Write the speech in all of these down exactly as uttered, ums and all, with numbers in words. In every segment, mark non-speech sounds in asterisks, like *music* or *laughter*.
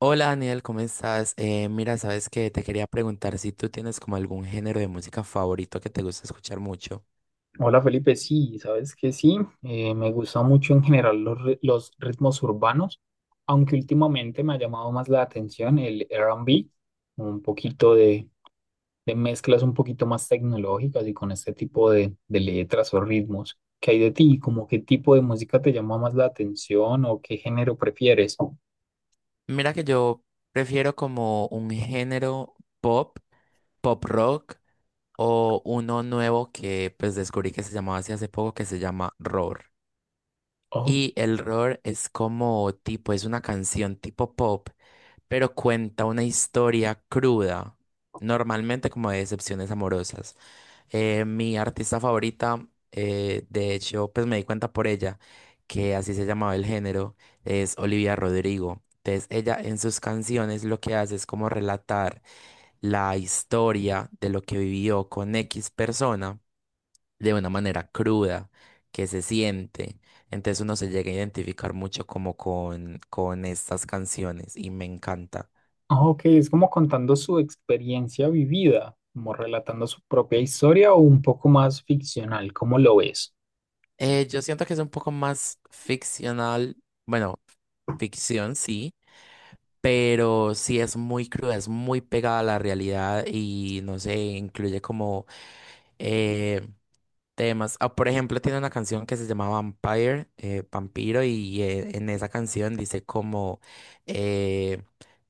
Hola Daniel, ¿cómo estás? Eh, mira, sabes que te quería preguntar si tú tienes como algún género de música favorito que te gusta escuchar mucho. Hola Felipe, sí, sabes que sí, eh, me gustan mucho en general los, ri- los ritmos urbanos, aunque últimamente me ha llamado más la atención el R and B, un poquito de, de mezclas un poquito más tecnológicas y con este tipo de, de letras o ritmos. ¿Qué hay de ti? ¿Cómo qué tipo de música te llama más la atención o qué género prefieres? Mira que yo prefiero como un género pop, pop rock o uno nuevo que pues descubrí que se llamaba así hace poco que se llama roar. Oh, Y el roar es como tipo, es una canción tipo pop, pero cuenta una historia cruda, normalmente como de decepciones amorosas. Eh, mi artista favorita, eh, de hecho, pues me di cuenta por ella, que así se llamaba el género, es Olivia Rodrigo. Entonces, ella en sus canciones lo que hace es como relatar la historia de lo que vivió con X persona de una manera cruda que se siente. Entonces uno se llega a identificar mucho como con, con estas canciones y me encanta. ah, ok, es como contando su experiencia vivida, como relatando su propia historia o un poco más ficcional, ¿cómo lo ves? Eh, yo siento que es un poco más ficcional, bueno, ficción sí, pero sí es muy cruda, es muy pegada a la realidad y no sé, incluye como eh, temas. Ah, por ejemplo, tiene una canción que se llama Vampire, eh, Vampiro, y eh, en esa canción dice como eh,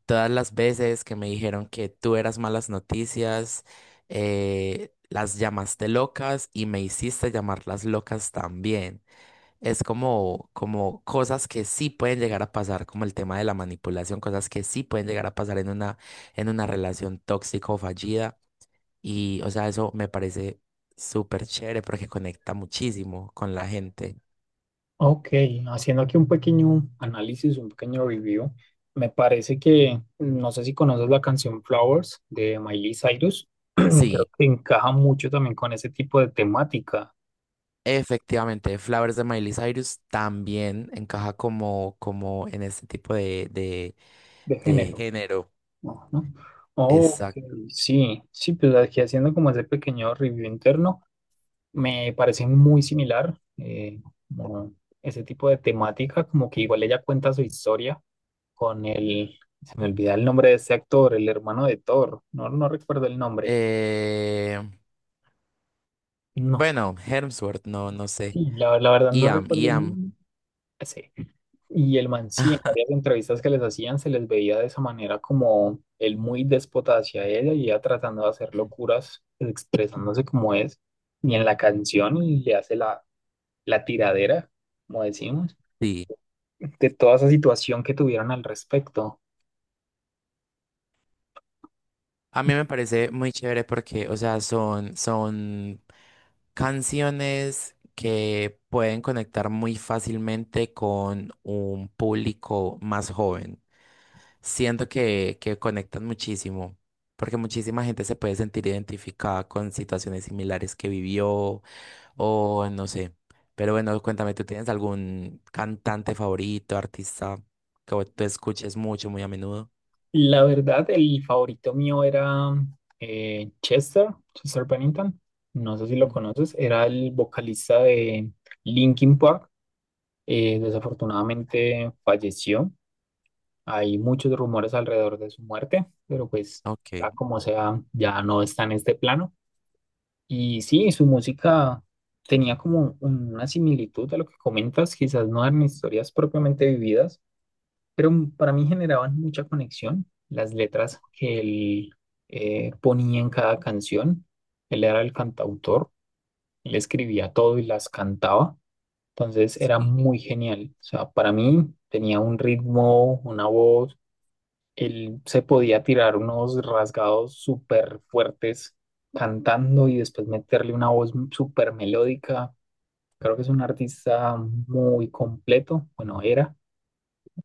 todas las veces que me dijeron que tú eras malas noticias, eh, las llamaste locas y me hiciste llamarlas locas también. Es como, como cosas que sí pueden llegar a pasar, como el tema de la manipulación, cosas que sí pueden llegar a pasar en una, en una relación tóxica o fallida. Y, o sea, eso me parece súper chévere porque conecta muchísimo con la gente. Ok, haciendo aquí un pequeño análisis, un pequeño review, me parece que, no sé si conoces la canción Flowers de Miley Cyrus, *clears throat* creo Sí, que encaja mucho también con ese tipo de temática efectivamente, Flowers de Miley Cyrus también encaja como, como en este tipo de, de, de de género, género. ¿no? ¿No? Ok, Exacto. sí, sí, pues aquí haciendo como ese pequeño review interno, me parece muy similar, eh, como ese tipo de temática, como que igual ella cuenta su historia con el, se me olvida el nombre de ese actor, el hermano de Thor, no, no recuerdo el nombre, Eh, no, bueno, Hemsworth, no, no sé. sí, la, la verdad no Iam, recuerdo el Iam. nombre. Sí. Y el man sí, en varias entrevistas que les hacían se les veía de esa manera como él muy déspota hacia ella y ella tratando de hacer *clears throat* locuras, expresándose como es. Y en la canción le hace la, la tiradera, como decimos, Sí. de toda esa situación que tuvieron al respecto. A mí me parece muy chévere porque, o sea, son, son canciones que pueden conectar muy fácilmente con un público más joven. Siento que, que conectan muchísimo, porque muchísima gente se puede sentir identificada con situaciones similares que vivió o no sé. Pero bueno, cuéntame, ¿tú tienes algún cantante favorito, artista que tú escuches mucho, muy a menudo? La verdad, el favorito mío era eh, Chester, Chester Bennington. No sé si lo Ujú. conoces. Era el vocalista de Linkin Park. Eh, desafortunadamente falleció. Hay muchos rumores alrededor de su muerte, pero pues, sea Ok, como sea, ya no está en este plano. Y sí, su música tenía como una similitud a lo que comentas, quizás no eran historias propiamente vividas, pero m- para mí generaban mucha conexión las letras que él eh, ponía en cada canción. Él era el cantautor, él escribía todo y las cantaba, entonces era sí. muy genial. O sea, para mí tenía un ritmo, una voz, él se podía tirar unos rasgados súper fuertes cantando y después meterle una voz súper melódica. Creo que es un artista muy completo, bueno, era.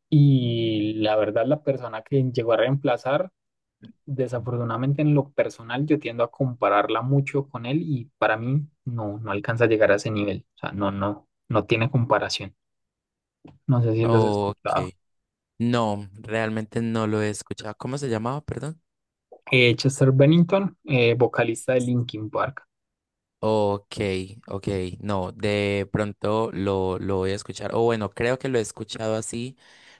Y la verdad, la persona que llegó a reemplazar, desafortunadamente en lo personal, yo tiendo a compararla mucho con él y para mí no, no alcanza a llegar a ese nivel. O sea, no, no, no tiene comparación. No sé si los he Ok. escuchado. No, realmente no lo he escuchado. ¿Cómo se llamaba, perdón? Eh, Chester Bennington, eh, vocalista de Linkin Park. Ok, ok, no, de pronto lo, lo voy a escuchar. O bueno, creo que lo he escuchado así,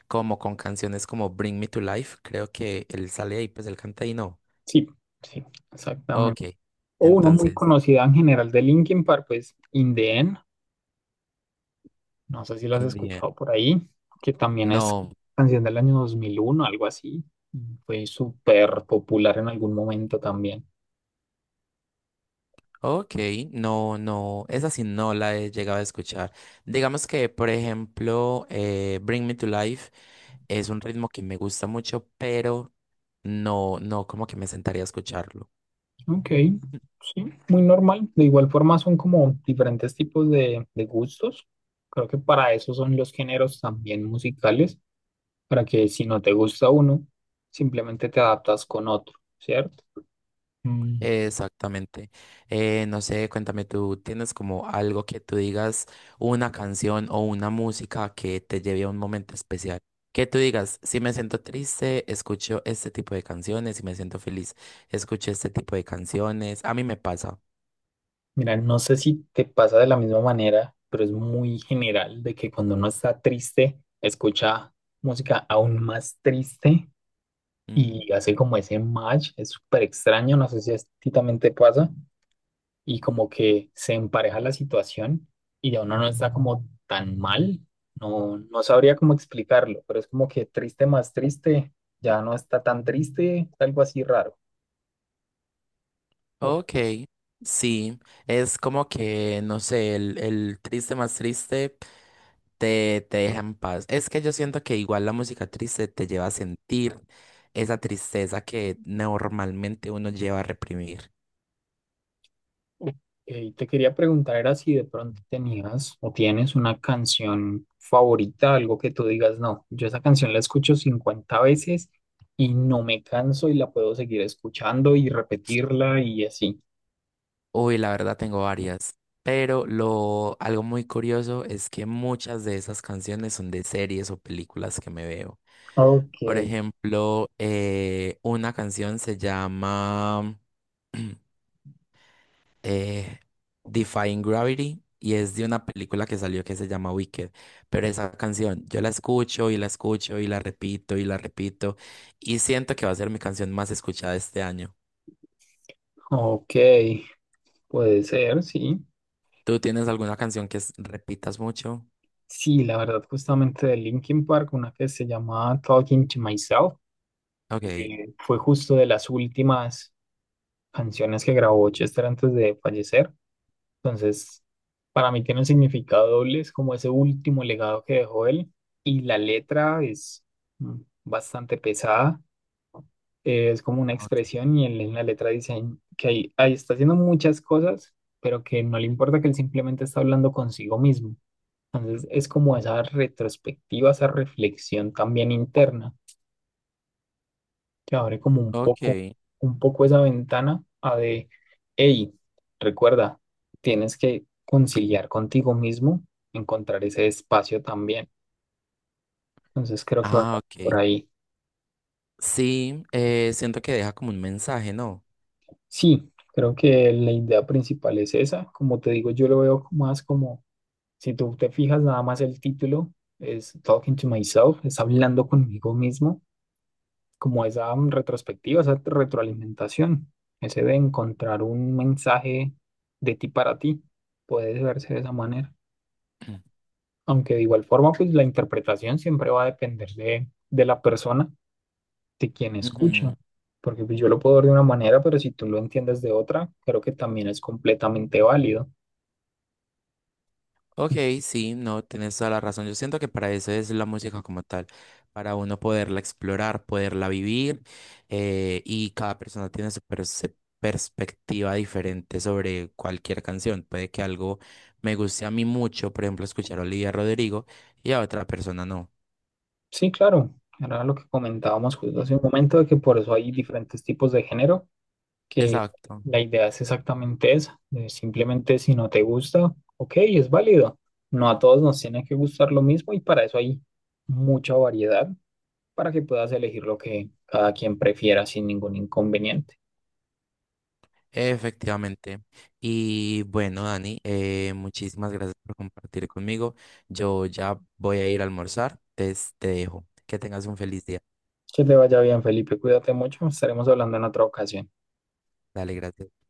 como con canciones como Bring Me to Life. Creo que él sale ahí, pues él canta ahí, no. Sí, sí, exactamente. Ok, O una muy entonces, conocida en general de Linkin Park, pues In The End. No sé si lo has India. escuchado por ahí, que también es No, canción del año dos mil uno algo así. Fue súper popular en algún momento también. ok, no, no, esa sí no la he llegado a escuchar. Digamos que, por ejemplo, eh, Bring Me to Life es un ritmo que me gusta mucho, pero no, no, como que me sentaría a escucharlo. Ok, sí, muy normal. De igual forma son como diferentes tipos de, de gustos. Creo que para eso son los géneros también musicales, para que si no te gusta uno, simplemente te adaptas con otro, ¿cierto? Mm. Exactamente. Eh, no sé, cuéntame, ¿tú tienes como algo que tú digas, una canción o una música que te lleve a un momento especial? Que tú digas, si me siento triste, escucho este tipo de canciones, si me siento feliz, escucho este tipo de canciones. A mí me pasa. Mira, no sé si te pasa de la misma manera, pero es muy general de que cuando uno está triste, escucha música aún más triste Mm, y hace como ese match, es súper extraño, no sé si a ti también te pasa, y como que se empareja la situación y ya uno no está como tan mal, no, no sabría cómo explicarlo, pero es como que triste más triste, ya no está tan triste, algo así raro. ¿O ok, sí, es como que, no sé, el, el triste más triste te, te deja en paz. Es que yo siento que igual la música triste te lleva a sentir esa tristeza que normalmente uno lleva a reprimir. ok, te quería preguntar, era si de pronto tenías o tienes una canción favorita, algo que tú digas, no, yo esa canción la escucho cincuenta veces y no me canso y la puedo seguir escuchando y repetirla y así. Uy, la verdad tengo varias, pero lo algo muy curioso es que muchas de esas canciones son de series o películas que me veo. Ok, Por ejemplo, eh, una canción se llama *clears throat* eh, Defying Gravity y es de una película que salió que se llama Wicked. Pero esa canción yo la escucho y la escucho y la repito y la repito y siento que va a ser mi canción más escuchada este año. ok, puede ser, sí. ¿Tú tienes alguna canción que es- repitas mucho? Sí, la verdad, justamente de Linkin Park, una que se llama Talking to Myself, Ok, eh, fue justo de las últimas canciones que grabó Chester antes de fallecer. Entonces, para mí tiene un significado doble, es como ese último legado que dejó él. Y la letra es mm, bastante pesada, eh, es como una ok, expresión y él en la letra dice que ahí, ahí está haciendo muchas cosas, pero que no le importa que él simplemente está hablando consigo mismo. Entonces, es como esa retrospectiva, esa reflexión también interna te abre como un poco, ok. un poco esa ventana a de, hey, recuerda, tienes que conciliar contigo mismo, encontrar ese espacio también. Entonces creo que va Ah, ok. por ahí. Sí, eh, siento que deja como un mensaje, ¿no? Sí, creo que la idea principal es esa. Como te digo, yo lo veo más como, si tú te fijas, nada más el título es Talking to Myself, es hablando conmigo mismo como esa mm, retrospectiva, esa retroalimentación, ese de encontrar un mensaje de ti para ti, puede verse de esa manera. *clears throat* Aunque de igual forma, pues la interpretación siempre va a depender de, de la persona, de quien Ujú. escucha. Porque pues, yo lo puedo ver de una manera, pero si tú lo entiendes de otra, creo que también es completamente válido. Ok, sí, no, tienes toda la razón. Yo siento que para eso es la música como tal, para uno poderla explorar, poderla vivir, eh, y cada persona tiene su perce- perspectiva diferente sobre cualquier canción. Puede que algo me guste a mí mucho, por ejemplo, escuchar a Olivia Rodrigo y a otra persona no. Sí, claro. Era lo que comentábamos justo Mm, hace un momento, de que por eso hay mm. diferentes tipos de género que Exacto. la idea es exactamente esa. De simplemente si no te gusta, ok, es válido. No a todos nos tiene que gustar lo mismo y para eso hay mucha variedad para que puedas elegir lo que cada quien prefiera sin ningún inconveniente. Efectivamente. Y bueno, Dani, eh, muchísimas gracias por compartir conmigo. Yo ya voy a ir a almorzar. Entonces te dejo. Que tengas un feliz día. Que te vaya bien, Felipe. Cuídate mucho. Estaremos hablando en otra ocasión. Dale, gracias.